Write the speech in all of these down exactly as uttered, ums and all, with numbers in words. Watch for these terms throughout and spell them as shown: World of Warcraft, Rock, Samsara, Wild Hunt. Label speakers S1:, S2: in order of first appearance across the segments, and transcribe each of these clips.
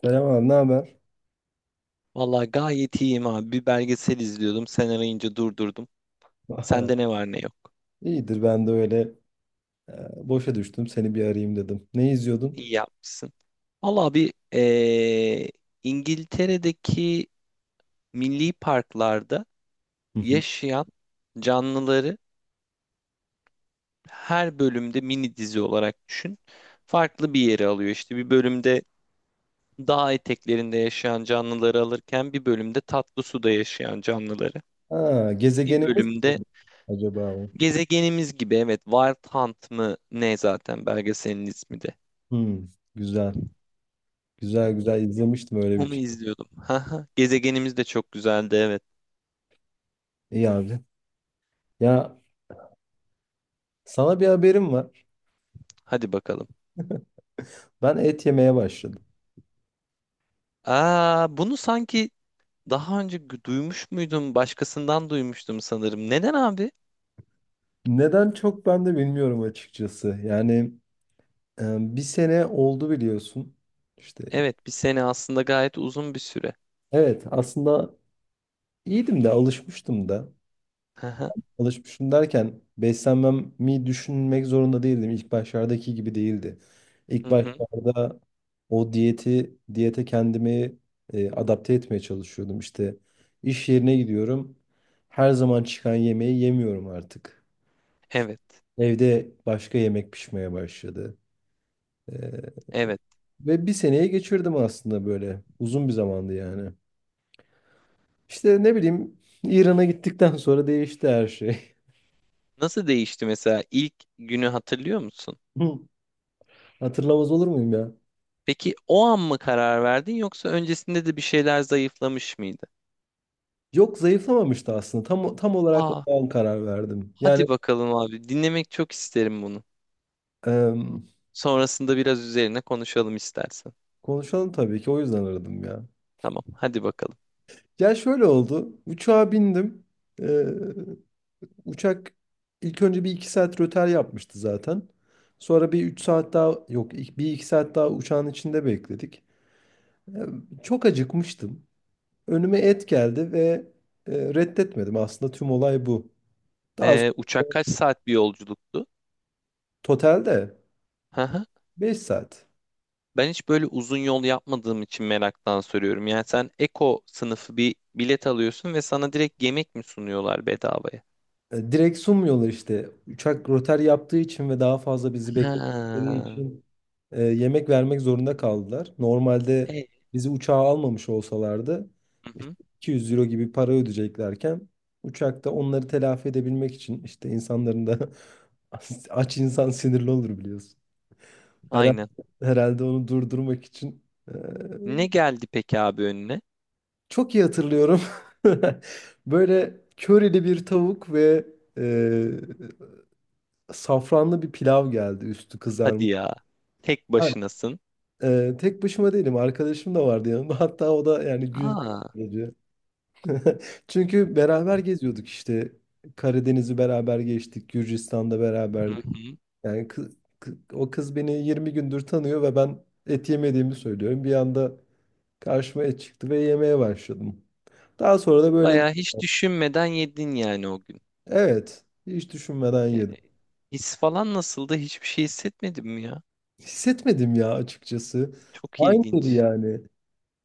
S1: Selam abi, ne haber?
S2: Vallahi gayet iyiyim abi. Bir belgesel izliyordum. Sen arayınca durdurdum. Sende ne var ne yok.
S1: İyidir ben de öyle. E, boşa düştüm, seni bir arayayım dedim. Ne izliyordun?
S2: İyi yapmışsın. Vallahi bir eee, İngiltere'deki milli parklarda
S1: Hı hı.
S2: yaşayan canlıları her bölümde mini dizi olarak düşün. Farklı bir yere alıyor. İşte bir bölümde dağ eteklerinde yaşayan canlıları alırken bir bölümde tatlı suda yaşayan canlıları.
S1: Ha,
S2: Bir
S1: gezegenimiz
S2: bölümde
S1: mi acaba o?
S2: gezegenimiz gibi evet, Wild Hunt mı ne zaten belgeselin ismi de.
S1: Hmm, güzel. Güzel güzel izlemiştim öyle bir
S2: Onu
S1: şey.
S2: izliyordum. Haha, gezegenimiz de çok güzeldi evet.
S1: İyi abi. Ya, sana bir haberim var.
S2: Hadi bakalım.
S1: Ben et yemeye başladım.
S2: Aa, bunu sanki daha önce gü- duymuş muydum? Başkasından duymuştum sanırım. Neden abi?
S1: Neden, çok ben de bilmiyorum açıkçası. Yani e, bir sene oldu biliyorsun. İşte
S2: Evet, bir sene aslında gayet uzun bir süre.
S1: evet, aslında iyiydim de, alışmıştım da.
S2: Haha.
S1: Alışmışım derken beslenmemi düşünmek zorunda değildim. İlk başlardaki gibi değildi.
S2: Hı
S1: İlk
S2: hı.
S1: başlarda o diyeti, diyete kendimi e, adapte etmeye çalışıyordum. İşte iş yerine gidiyorum. Her zaman çıkan yemeği yemiyorum artık. İşte
S2: Evet.
S1: evde başka yemek pişmeye başladı. E,
S2: Evet.
S1: ve bir seneye geçirdim aslında böyle. Uzun bir zamandı yani. İşte ne bileyim, İran'a gittikten sonra değişti her şey.
S2: Nasıl değişti mesela, ilk günü hatırlıyor musun?
S1: Hatırlamaz olur muyum ya?
S2: Peki o an mı karar verdin yoksa öncesinde de bir şeyler zayıflamış mıydı?
S1: Yok, zayıflamamıştı aslında. Tam tam olarak
S2: Aa,
S1: o an karar verdim.
S2: hadi
S1: Yani
S2: bakalım abi. Dinlemek çok isterim bunu.
S1: em,
S2: Sonrasında biraz üzerine konuşalım istersen.
S1: konuşalım tabii ki, o yüzden aradım ya.
S2: Tamam, hadi bakalım.
S1: Ya şöyle oldu. Uçağa bindim. Ee, uçak ilk önce bir iki saat rötar yapmıştı zaten. Sonra bir üç saat daha, yok, ik- bir iki saat daha uçağın içinde bekledik. Ee, çok acıkmıştım. Önüme et geldi ve e, reddetmedim. Aslında tüm olay bu. Daha
S2: Ee,
S1: sonra
S2: uçak kaç saat bir yolculuktu?
S1: totalde
S2: Hı hı.
S1: beş saat.
S2: Ben hiç böyle uzun yol yapmadığım için meraktan soruyorum. Yani sen Eko sınıfı bir bilet alıyorsun ve sana direkt yemek mi sunuyorlar bedavaya?
S1: E, Direkt sunmuyorlar işte. Uçak rötar yaptığı için ve daha fazla bizi bekledikleri
S2: Ha.
S1: için e, yemek vermek zorunda kaldılar. Normalde
S2: E,
S1: bizi uçağa almamış olsalardı
S2: hı
S1: işte
S2: hı.
S1: iki yüz euro gibi para ödeyeceklerken uçakta onları telafi edebilmek için, işte, insanların da aç insan sinirli olur biliyorsun. Herhalde,
S2: Aynen.
S1: herhalde onu durdurmak için. e,
S2: Ne geldi peki abi önüne?
S1: çok iyi hatırlıyorum. Böyle körili bir tavuk ve e, safranlı bir pilav geldi, üstü
S2: Hadi
S1: kızarmış.
S2: ya. Tek
S1: Ben,
S2: başınasın.
S1: e, tek başıma değilim, arkadaşım da vardı yanımda. Hatta o da yani güldü
S2: Aa.
S1: sadece. Çünkü beraber geziyorduk işte, Karadeniz'i beraber geçtik, Gürcistan'da
S2: Hı
S1: beraberdik.
S2: hı.
S1: Yani kı- kı- o kız beni yirmi gündür tanıyor ve ben et yemediğimi söylüyorum. Bir anda karşıma et çıktı ve yemeye başladım. Daha sonra da böyle,
S2: Bayağı hiç düşünmeden yedin yani o gün.
S1: evet, hiç düşünmeden
S2: E,
S1: yedim.
S2: his falan nasıldı? Hiçbir şey hissetmedim ya.
S1: Hissetmedim ya açıkçası.
S2: Çok
S1: Aynıydı
S2: ilginç.
S1: yani.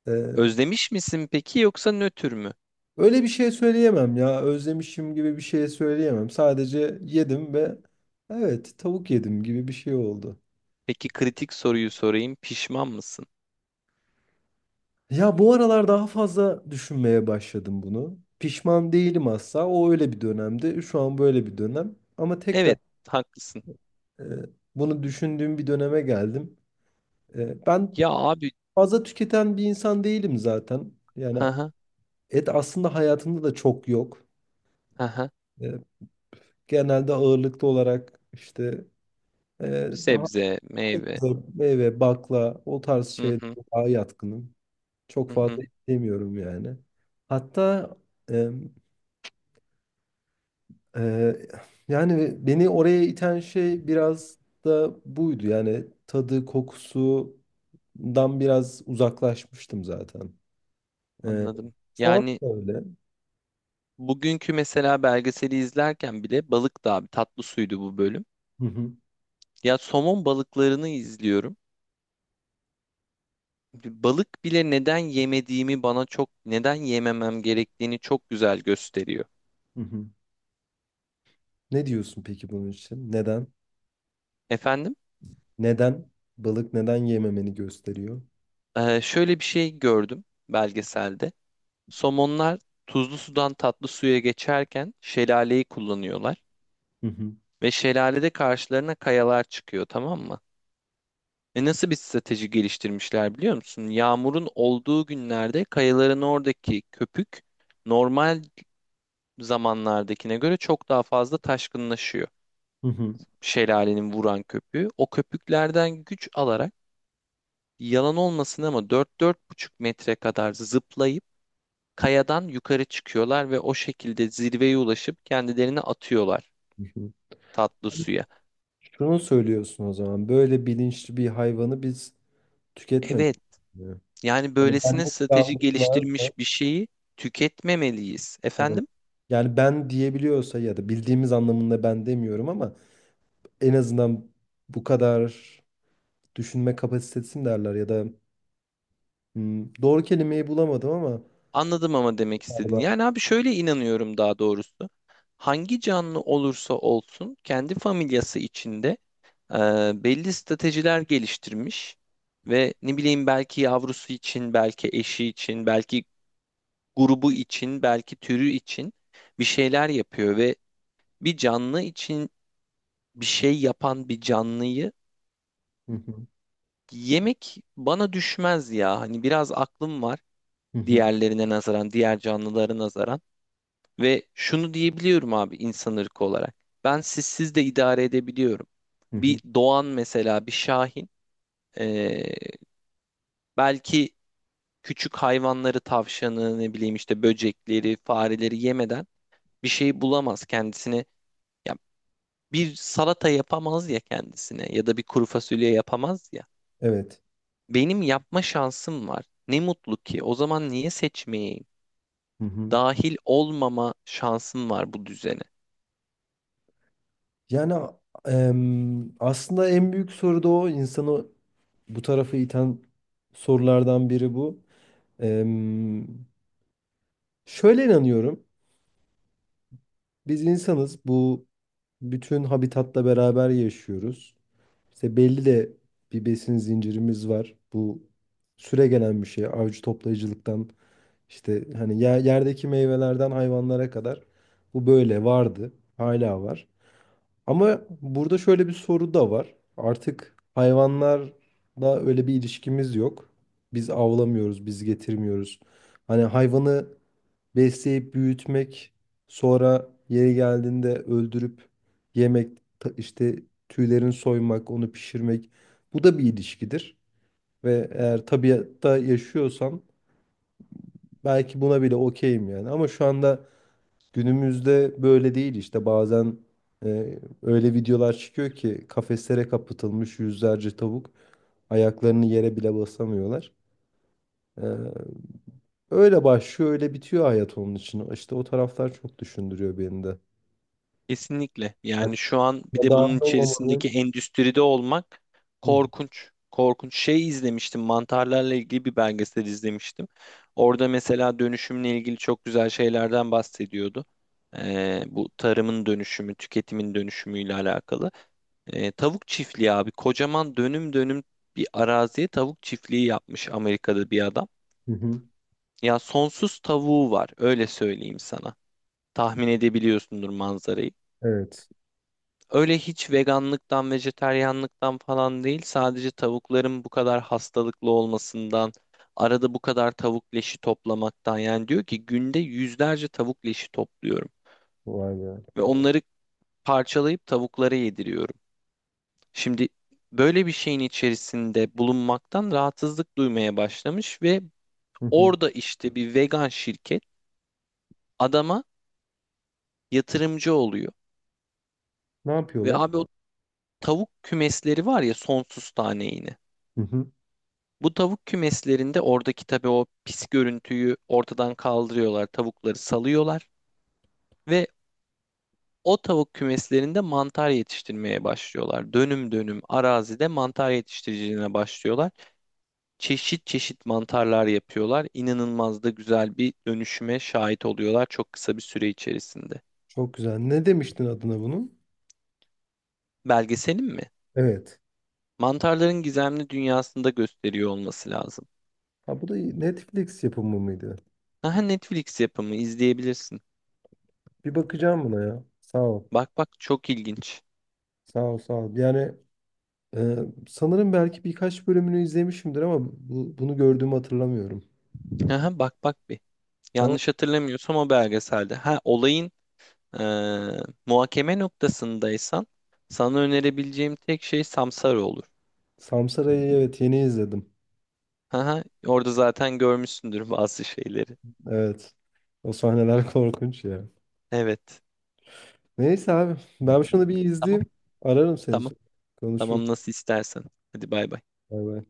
S1: E,
S2: Özlemiş misin peki yoksa nötr mü?
S1: Öyle bir şey söyleyemem ya. Özlemişim gibi bir şey söyleyemem. Sadece yedim ve evet, tavuk yedim gibi bir şey oldu.
S2: Peki kritik soruyu sorayım. Pişman mısın?
S1: Ya bu aralar daha fazla düşünmeye başladım bunu. Pişman değilim asla. O öyle bir dönemdi. Şu an böyle bir dönem. Ama tekrar
S2: Evet, haklısın.
S1: e, bunu düşündüğüm bir döneme geldim. E, ben
S2: Ya abi,
S1: fazla tüketen bir insan değilim zaten. Yani
S2: hı hı,
S1: et aslında hayatımda da çok yok.
S2: hı hı.
S1: E, genelde ağırlıklı olarak işte e, daha.
S2: Sebze, meyve.
S1: Meyve, bakla, o tarz
S2: Hı
S1: şeylere
S2: hı,
S1: daha yatkınım. Çok
S2: hı hı.
S1: fazla istemiyorum yani. Hatta e, e, yani beni oraya iten şey biraz da buydu. Yani tadı, kokusundan biraz uzaklaşmıştım zaten. E,
S2: Anladım.
S1: şu an
S2: Yani
S1: da öyle.
S2: bugünkü mesela belgeseli izlerken bile, balık da abi, tatlı suydu bu bölüm.
S1: Hı hı,
S2: Ya somon balıklarını izliyorum. Balık bile neden yemediğimi, bana çok neden yememem gerektiğini çok güzel gösteriyor.
S1: hı hı. Ne diyorsun peki bunun için? Neden?
S2: Efendim.
S1: Neden? Balık neden yememeni gösteriyor?
S2: Ee, şöyle bir şey gördüm belgeselde. Somonlar tuzlu sudan tatlı suya geçerken şelaleyi kullanıyorlar
S1: Hı hı,
S2: ve şelalede karşılarına kayalar çıkıyor, tamam mı? E, nasıl bir strateji geliştirmişler biliyor musun? Yağmurun olduğu günlerde kayaların oradaki köpük normal zamanlardakine göre çok daha fazla taşkınlaşıyor.
S1: hı hı,
S2: Şelalenin vuran köpüğü. O köpüklerden güç alarak, yalan olmasın ama dört-dört buçuk metre kadar zıplayıp kayadan yukarı çıkıyorlar ve o şekilde zirveye ulaşıp kendilerini atıyorlar
S1: hı hı.
S2: tatlı suya.
S1: Şunu söylüyorsun o zaman. Böyle bilinçli bir hayvanı biz tüketmemiz
S2: Evet,
S1: gerekiyor.
S2: yani
S1: Yani
S2: böylesine
S1: benlik
S2: strateji
S1: algısı varsa,
S2: geliştirmiş bir şeyi tüketmemeliyiz.
S1: evet.
S2: Efendim?
S1: Yani ben diyebiliyorsa ya da bildiğimiz anlamında ben demiyorum ama en azından bu kadar düşünme kapasitesin derler ya da hmm, doğru kelimeyi bulamadım ama
S2: Anladım ama demek istedin.
S1: galiba.
S2: Yani abi şöyle inanıyorum daha doğrusu. Hangi canlı olursa olsun kendi familyası içinde e, belli stratejiler geliştirmiş ve ne bileyim belki yavrusu için, belki eşi için, belki grubu için, belki türü için bir şeyler yapıyor ve bir canlı için bir şey yapan bir canlıyı
S1: Hı hı,
S2: yemek bana düşmez ya. Hani biraz aklım var
S1: hı hı,
S2: diğerlerine nazaran, diğer canlılara nazaran, ve şunu diyebiliyorum abi insan ırkı olarak. Ben sizsiz de idare edebiliyorum.
S1: hı
S2: Bir
S1: hı.
S2: doğan mesela, bir şahin ee, belki küçük hayvanları, tavşanı, ne bileyim işte böcekleri, fareleri yemeden bir şey bulamaz kendisine. Ya bir salata yapamaz ya kendisine, ya da bir kuru fasulye yapamaz ya.
S1: Evet.
S2: Benim yapma şansım var. Ne mutlu ki. O zaman niye seçmeyeyim?
S1: Hı hı.
S2: Dahil olmama şansım var bu düzene.
S1: Yani em, aslında en büyük soru da o, insanı bu tarafa iten sorulardan biri bu. Em, Şöyle inanıyorum. Biz insanız. Bu, bütün habitatla beraber yaşıyoruz. İşte belli de bir besin zincirimiz var. Bu süregelen bir şey. Avcı toplayıcılıktan işte, hani, yer- yerdeki meyvelerden hayvanlara kadar bu böyle vardı. Hala var. Ama burada şöyle bir soru da var. Artık hayvanlarla öyle bir ilişkimiz yok. Biz avlamıyoruz, biz getirmiyoruz. Hani hayvanı besleyip büyütmek, sonra yeri geldiğinde öldürüp yemek, ta- işte tüylerini soymak, onu pişirmek. Bu da bir ilişkidir. Ve eğer tabiatta yaşıyorsam belki buna bile okeyim yani. Ama şu anda günümüzde böyle değil, işte bazen e, öyle videolar çıkıyor ki, kafeslere kapatılmış yüzlerce tavuk ayaklarını yere bile basamıyorlar. E, öyle başlıyor, öyle bitiyor hayat onun için. İşte o taraflar çok düşündürüyor beni de.
S2: Kesinlikle. Yani şu an bir
S1: Ya,
S2: de bunun
S1: dahil
S2: içerisindeki
S1: olmamanın.
S2: endüstride olmak
S1: Hı
S2: korkunç. Korkunç. Şey izlemiştim. Mantarlarla ilgili bir belgesel izlemiştim. Orada mesela dönüşümle ilgili çok güzel şeylerden bahsediyordu. Ee, bu tarımın dönüşümü, tüketimin dönüşümüyle alakalı. E, tavuk çiftliği abi. Kocaman dönüm dönüm bir araziye tavuk çiftliği yapmış Amerika'da bir adam.
S1: hı. Hı.
S2: Ya sonsuz tavuğu var, öyle söyleyeyim sana. Tahmin edebiliyorsundur manzarayı.
S1: Evet.
S2: Öyle hiç veganlıktan, vejeteryanlıktan falan değil. Sadece tavukların bu kadar hastalıklı olmasından, arada bu kadar tavuk leşi toplamaktan. Yani diyor ki günde yüzlerce tavuk leşi topluyorum
S1: Vay be.
S2: ve onları parçalayıp tavuklara yediriyorum. Şimdi böyle bir şeyin içerisinde bulunmaktan rahatsızlık duymaya başlamış ve
S1: Hı hı.
S2: orada işte bir vegan şirket adama yatırımcı oluyor.
S1: Ne
S2: Ve
S1: yapıyorlar?
S2: abi o tavuk kümesleri var ya, sonsuz tane yine.
S1: Hı hı.
S2: Bu tavuk kümeslerinde oradaki tabii o pis görüntüyü ortadan kaldırıyorlar, tavukları salıyorlar ve o tavuk kümeslerinde mantar yetiştirmeye başlıyorlar. Dönüm dönüm arazide mantar yetiştiriciliğine başlıyorlar. Çeşit çeşit mantarlar yapıyorlar. İnanılmaz da güzel bir dönüşüme şahit oluyorlar çok kısa bir süre içerisinde.
S1: Çok güzel. Ne demiştin adına bunun?
S2: Belgeselin mi?
S1: Evet.
S2: Mantarların gizemli dünyasında gösteriyor olması lazım.
S1: Ha, bu da iyi. Netflix yapımı mıydı?
S2: Aha, Netflix yapımı, izleyebilirsin.
S1: Bir bakacağım buna ya. Sağ ol.
S2: Bak bak, çok ilginç.
S1: Sağ ol, sağ ol. Yani e, sanırım belki birkaç bölümünü izlemişimdir ama bu, bunu gördüğümü hatırlamıyorum.
S2: Aha bak bak bir.
S1: Tamam.
S2: Yanlış hatırlamıyorsam o belgeselde. Ha, olayın eee, muhakeme noktasındaysan sana önerebileceğim tek şey Samsara olur.
S1: Samsara'yı evet yeni izledim.
S2: Aha orada zaten görmüşsündür bazı şeyleri.
S1: Evet. O sahneler korkunç ya.
S2: Evet.
S1: Neyse abi. Ben şunu bir
S2: Tamam.
S1: izleyeyim. Ararım seni
S2: Tamam.
S1: sonra. Konuşuruz.
S2: Tamam, nasıl istersen. Hadi bay bay.
S1: Bay bay.